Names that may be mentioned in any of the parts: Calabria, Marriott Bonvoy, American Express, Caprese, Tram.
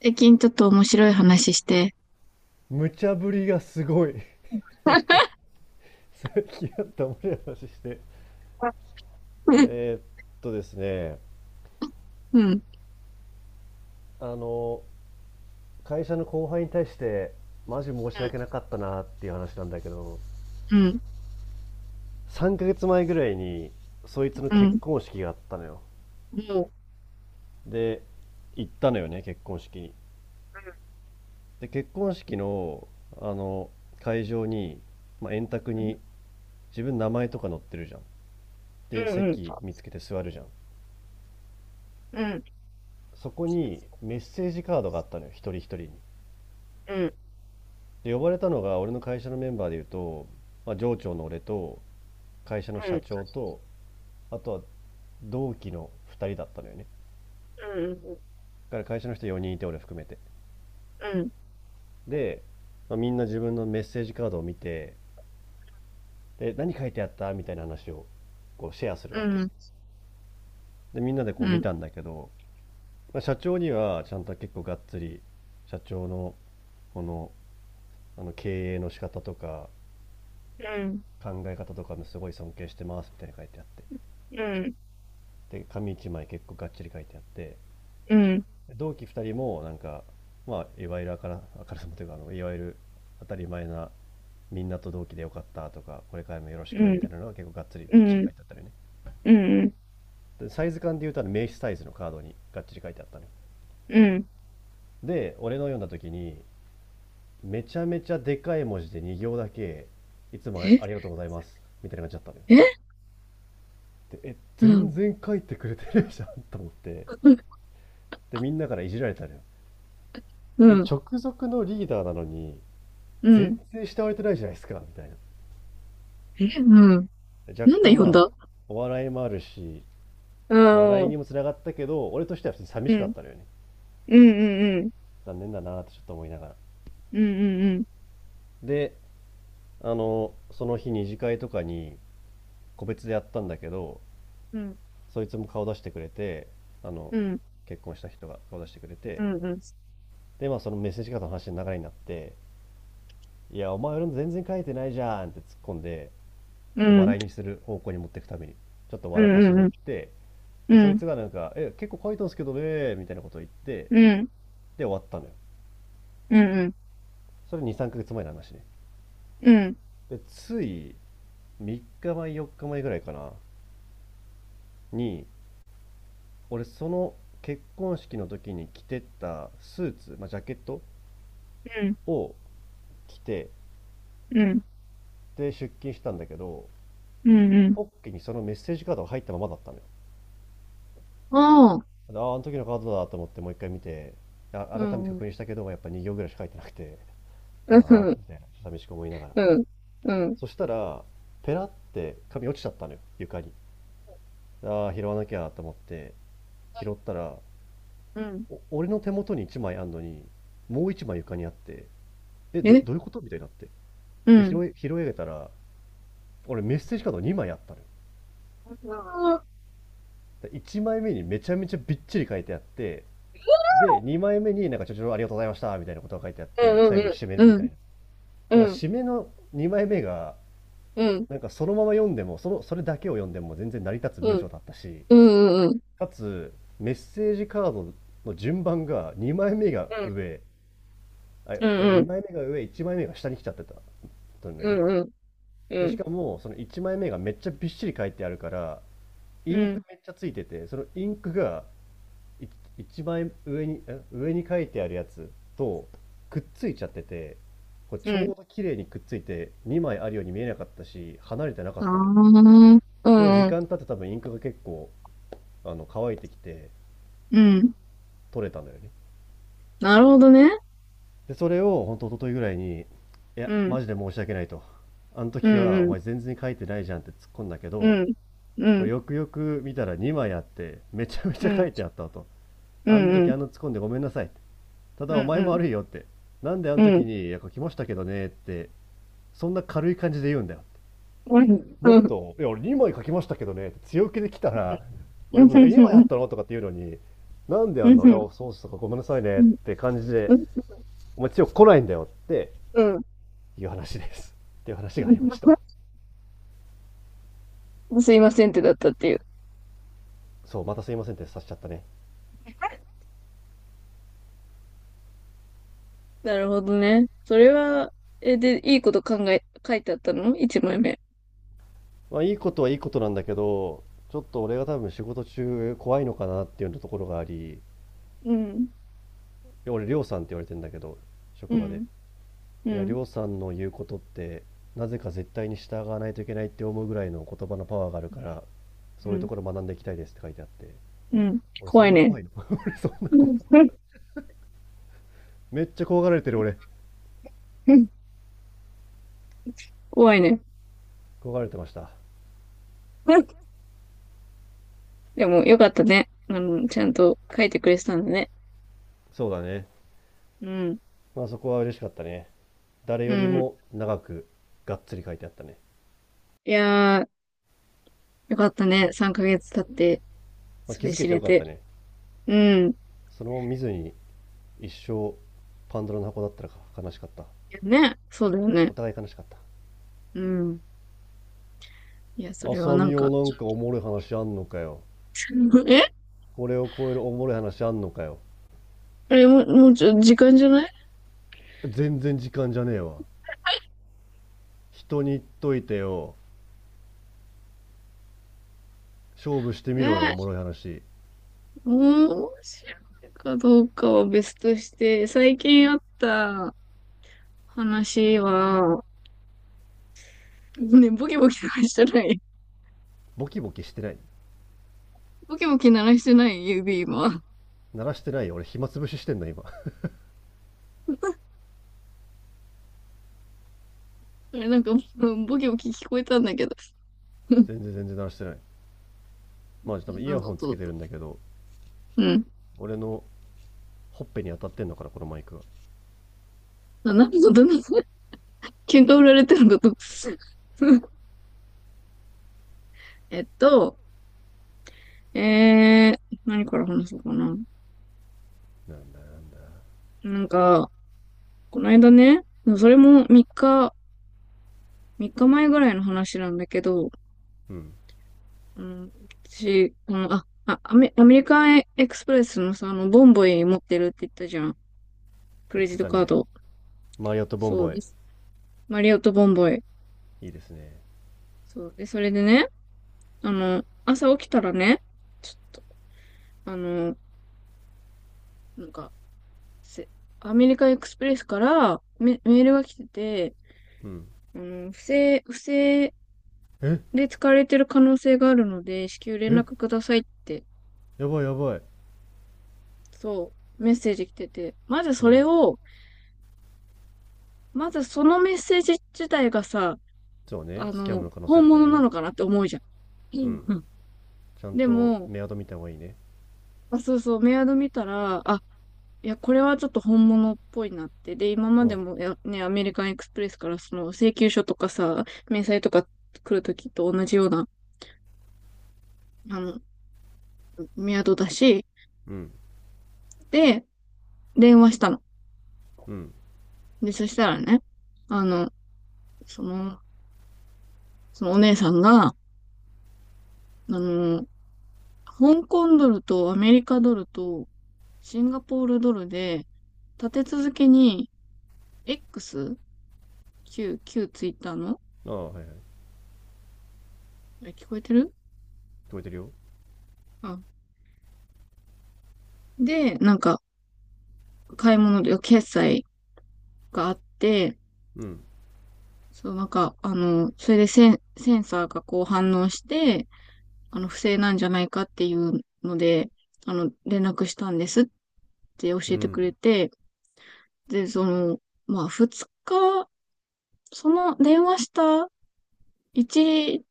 ゆきん、ちょっと面白い話して。無茶ぶりがすごい。 さっきあ った面白い話して。うん、えーっとですねうん、あの会社の後輩に対してマジ申うしん、訳なかったなっていう話なんだけど、う3ヶ月前ぐらいにそいつのん、う結ん。婚式があったのよ。もうこで、行ったのよね、結婚式に。で、結婚式のあの会場に、まあ、円卓に自分名前とか載ってるじゃん。れ で、 swoją 席か 見つけて座るじゃん。 doors? そこにメッセージカードがあったのよ、一人一人に。うん、うで、呼ばれたのが俺の会社のメンバーでいうと、まあ、上長の俺と会社の社長ん、と、あとは同期の2人だったのよね。だから会社の人4人いて、俺含めて。うん、うん、で、まあ、みんな自分のメッセージカードを見て、で、何書いてあったみたいな話をこうシェアするうわけん。よ。うで、みんなでこう見たんんだけど、まあ、社長にはちゃんと結構がっつり社長のこのあの経営の仕方とかうん、考え方とかもすごい尊敬してますみたいな書いてあって、で、紙一枚結構がっちり書いてあって。うん、同期2人もなんか、まあ、いわゆるからあさもというかいわゆる当たり前な、みんなと同期でよかったとかこれからもよろしくみたいなのが結構がっつりびっちり書いてあったのよね。でサイズ感で言うと名刺サイズのカードにがっちり書いてあったのよ。うんっ。で俺の読んだ時に、めちゃめちゃでかい文字で2行だけ、いつもえ、ありがとうございますみたいな感じだったのよ。でうんっ。全然書いてくれてるじゃんと思って。でみんなからいじられたのよ。うえ、ん、直属のリーダーなのにう全ん。然慕われてないじゃないですか、みたいな。えぇうん。若なんだ干よ、んまあだ。お笑いもあるしあ笑いにもあ。つながったけど、俺としては普通に寂うしかん、ったのよね。いいぉん、残念だなってちょっと思いながら。うん。うん、うん。で、その日二次会とかに個別でやったんだけど、そいつも顔出してくれて、あのうん。結婚した人が顔出してくれうて。んつぅぅぅぅぅで、まあそのメッセージカードの話の流れになって、「いやお前俺の全然書いてないじゃん」って突っ込んで、ちょっと笑いにする方向に持っていくためにちょっと笑かしに行ん。って、うでんそいん…つがなんか「え結構書いたんですけどね」みたいなことを言って、うん、うん、うん。で終わったのよ。それ23ヶ月前の話ね。うんでつい3日前4日前ぐらいかなに、俺その結婚式の時に着てったスーツ、まあ、ジャケットうん。を着てで出勤したんだけど、ポッケにそのメッセージカードが入ったままだったのよ。ああ、あの時のカードだと思ってもう一回見て、あ、改めて確認したけどやっぱ2行ぐらいしか書いてなくて、ああ、寂しく思いながら。そしたらペラって紙落ちちゃったのよ床に。ああ、拾わなきゃと思って拾ったら、俺の手元に1枚あんのに、もう一枚床にあって、え、どういうことみたいになって。で、拾い上げたら、俺メッセージカード2枚あったのよ。で1枚目にめちゃめちゃびっちり書いてあって、で、2枚目になんかちょちょありがとうございましたみたいなことが書いてあって、最後に締めみたいな。ただ締めの2枚目が、なんかそのまま読んでも、それだけを読んでも全然成り立つ文章だったし、かつ、メッセージカードの順番が2枚目が上、あ、2枚目が上、1枚目が下に来ちゃってた。とんだよね。で、しかも、その1枚目がめっちゃびっしり書いてあるから、インクめっちゃついてて、そのインクがい一枚上に、上に書いてあるやつとくっついちゃってて、これちょうど綺麗にくっついて2枚あるように見えなかったし、離れてなかったのよ。けど時間経って多分インクが結構、乾いてきて取れたのよね。で、それを本当一昨日ぐらいに、いや、マジで申し訳ないと。あの時はお前全然書いてないじゃんって突っ込んだけど、これよくよく見たら2枚あってめちゃめちゃ書いてあったと。あの時突っ込んでごめんなさい、ただお前も悪いよって、なんであの時に書きましたけどねって、そんな軽い感じで言うんだよ。もっと「いや俺2枚書きましたけどね」って強気で来たら、俺もなんか「え2枚あったの?」とかって言うのに、「なんであんのいやそうっすとかごめんなさいね」って感じで、「お前強く来ないんだよ」っていう話ですっていう話がありました。すいませんってだったっていう。そうまたすいませんってさしちゃったね。 なるほどね。それは、で、いいこと考え、書いてあったの一枚目。まあ、いいことはいいことなんだけど、ちょっと俺が多分仕事中怖いのかなっていうところがあり、いうん、や俺、りょうさんって言われてんだけど、う職場で。ん、ういや、りん、ょうさんの言うことって、なぜか絶対に従わないといけないって思うぐらいの言葉のパワーがあるから、そうういうとん、ころ学んでいきたいですって書いてあって。うん。俺、そ怖んいなね。怖いの。 俺、そんな怖い。うんめっちゃ怖がられてる、俺。うん。怖いね。怖がられてました。うん。でも、よかったね。ちゃんと書いてくれてたんだね。そうだね。うん、まあ、そこは嬉しかったね。誰うよりん。も長く、がっつり書いてあったね。いやー、よかったね。3ヶ月経って、まあ、そ気れづけ知てよれかって。たね。うん。いそのまま見ずに一生パンドラの箱だったらか悲しかった。やね、そうだよね。お互い悲しかった。うん。いや、それは浅な見んよ、か、なちんょかっおと。もろい話あんのかよ。 えこれを超えるおもろい話あんのかよ。あれ、もう時間じゃない？全然時間じゃねえわ。人に言っといてよ。勝負してみろよ、おもえ、ろい話。面白いかどうかは別として、最近あった話は、ね、ボキボキ鳴らしてない。ボキボキしてない。ボキボキ鳴らしてない指今。鳴らしてないよ。俺暇つぶししてんの今。 あれ、なんか、うん。ボキボキ聞こえたんだけど。うん。全然全然鳴らしてない。まあ多分イ何ヤのホンつ音けだてると。んだけど、うん。俺のほっぺに当たってんのかな、このマイクは。あ、何の音だ。喧嘩売られてるのかと。うん。えっと、えー、何から話そうかな。なんだなんだ。なんか、この間ね、それも3日、3日前ぐらいの話なんだけど、うん、うん、私、この、あ、あ、アメ、アメリカンエクスプレスのさ、ボンボイ持ってるって言ったじゃん。ク言レっジてットたカーね。ド。マリオットボンそうボでイ、す。マリオットボンボイ。いいですね。そう。で、それでね、朝起きたらね、ちょっと、あの、なんか、せアメリカンエクスプレスからメールが来てて、うん、不正えで使われてる可能性があるので、至急連え、絡くださいって、やばいやばい。そう、メッセージ来てて、まずうそれん。を、まずそのメッセージ自体がさ、そうね、スキャンムの可能性あ本るから物なね。のかなって思うじゃん。うん。うん。ちゃんでとも、メアド見た方がいいね。あ、そうそう、メアド見たら、あ、いや、これはちょっと本物っぽいなって。で、今まおでう。も、いやね、アメリカンエクスプレスからその請求書とかさ、明細とか来るときと同じような、あの、メアドだし、うん。で、電話したの。うん。で、そしたらね、あの、その、そのお姉さんが、の、香港ドルとアメリカドルとシンガポールドルで、立て続けに X 旧ツイッターの。ああ、はいはい。あれ、聞こえてる？聞こえてるよ。あ。で、なんか、買い物で決済があって、うん。そう、なんか、それでセンサーがこう反応して、不正なんじゃないかっていうので、連絡したんですって教うえてくれん。て、で、その、まあ、その電話した一、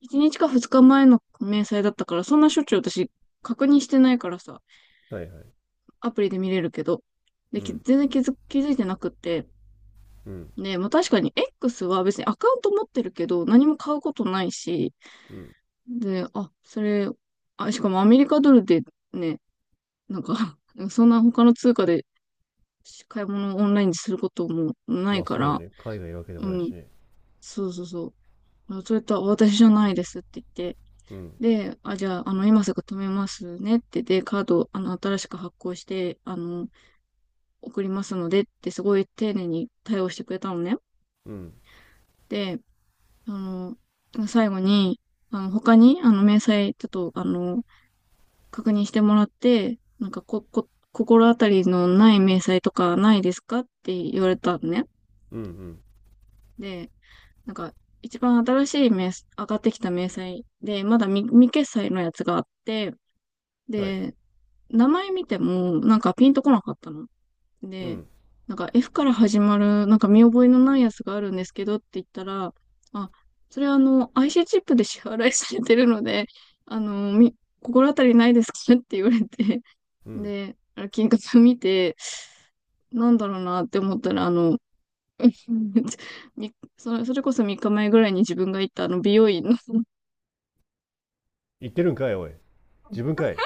一日か二日前の明細だったから、そんなしょっちゅう私確認してないからさ、はいはい。アプリで見れるけど、で、うん。全然気づいてなくって、うん。ね、まあ、確かに X は別にアカウント持ってるけど、何も買うことないし、うん。で、あ、それ、あ、しかもアメリカドルでね、なんか そんな他の通貨で買い物をオンラインですることもないまあかそうよら、ね。海外いるわけでうもないん、しね。そうそうそう、あ、そういった私じゃないですって言って、うん。で、あ、じゃあ、今すぐ止めますねって、で、カード、新しく発行して、送りますのでってすごい丁寧に対応してくれたのね。うん。で、あ最後に、他に、明細、ちょっと、確認してもらって、なんか心当たりのない明細とかないですかって言われたのね。うん。で、なんか、一番新しい明細、上がってきた明細で、まだ未決済のやつがあって、うん。はい。で、名前見ても、なんかピンとこなかったの。うで、ん。なんか F から始まる、なんか見覚えのないやつがあるんですけどって言ったら、あ、それはIC チップで支払いされてるので、あの、み、心当たりないですか って言われて、うん。で、あの金額見て、なんだろうなって思ったら、みそれ、それこそ3日前ぐらいに自分が行ったあの美容院の、言ってるんかい、おい。自分かい。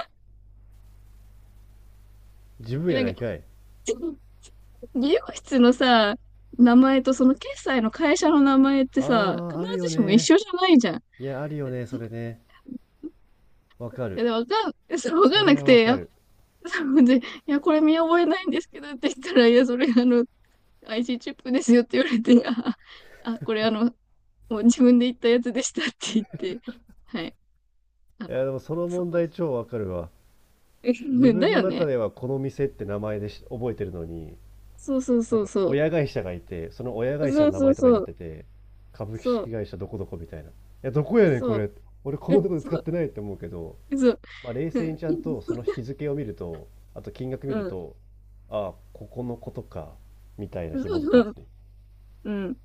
自分やななんいか、かい。美容室のさ、名前とその決済の会社の名前ってさ、あ必あ、あるずよしも一ね。緒じゃないじゃん。いや、あるよね、そそれね。わいかや、る。でもわかん、そうわそかんなれくはわて、いかや、る。そうで、いや、これ見覚えないんですけどって言ったら、いや、それあの、IC チップですよって言われて、あ、これもう自分で言ったやつでしたって言って、はい、あいや、の、でもそのそ問こ。題超わかるわ。自だ分のよ中ね。ではこの店って名前でし覚えてるのに、そうそうなんそうかそ親会社がいて、その親う。会社そうの名そ前うとかにそなっう。てて、株そ式う、会社どこどこみたいな。いや、どこやねん、こそう、れ。俺こうのんとこでそ使っう、てないって思うけど、そう、まあ、冷う静にん、ちゃんとその日付を見ると、あと金額見るうと、ああ、ここのことか、みたいなん、紐づくそやう、つね。うん。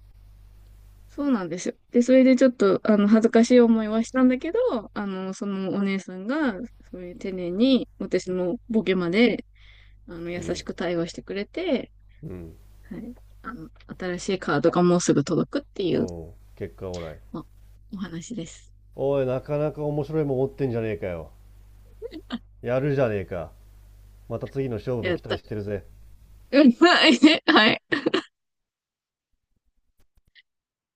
そうなんですよ。で、それでちょっと、恥ずかしい思いはしたんだけど、そのお姉さんが、そういう丁寧に、私のボケまで、う優ん、しく対応してくれて、うん、はい。あの、新しいカードがもうすぐ届くっていう、おう結果オーライ。お話です。おい、なかなか面白いもん持ってんじゃねえかよ。やるじゃねえか。また次の勝負やもっ期待た。してるぜ。うん、はい。はい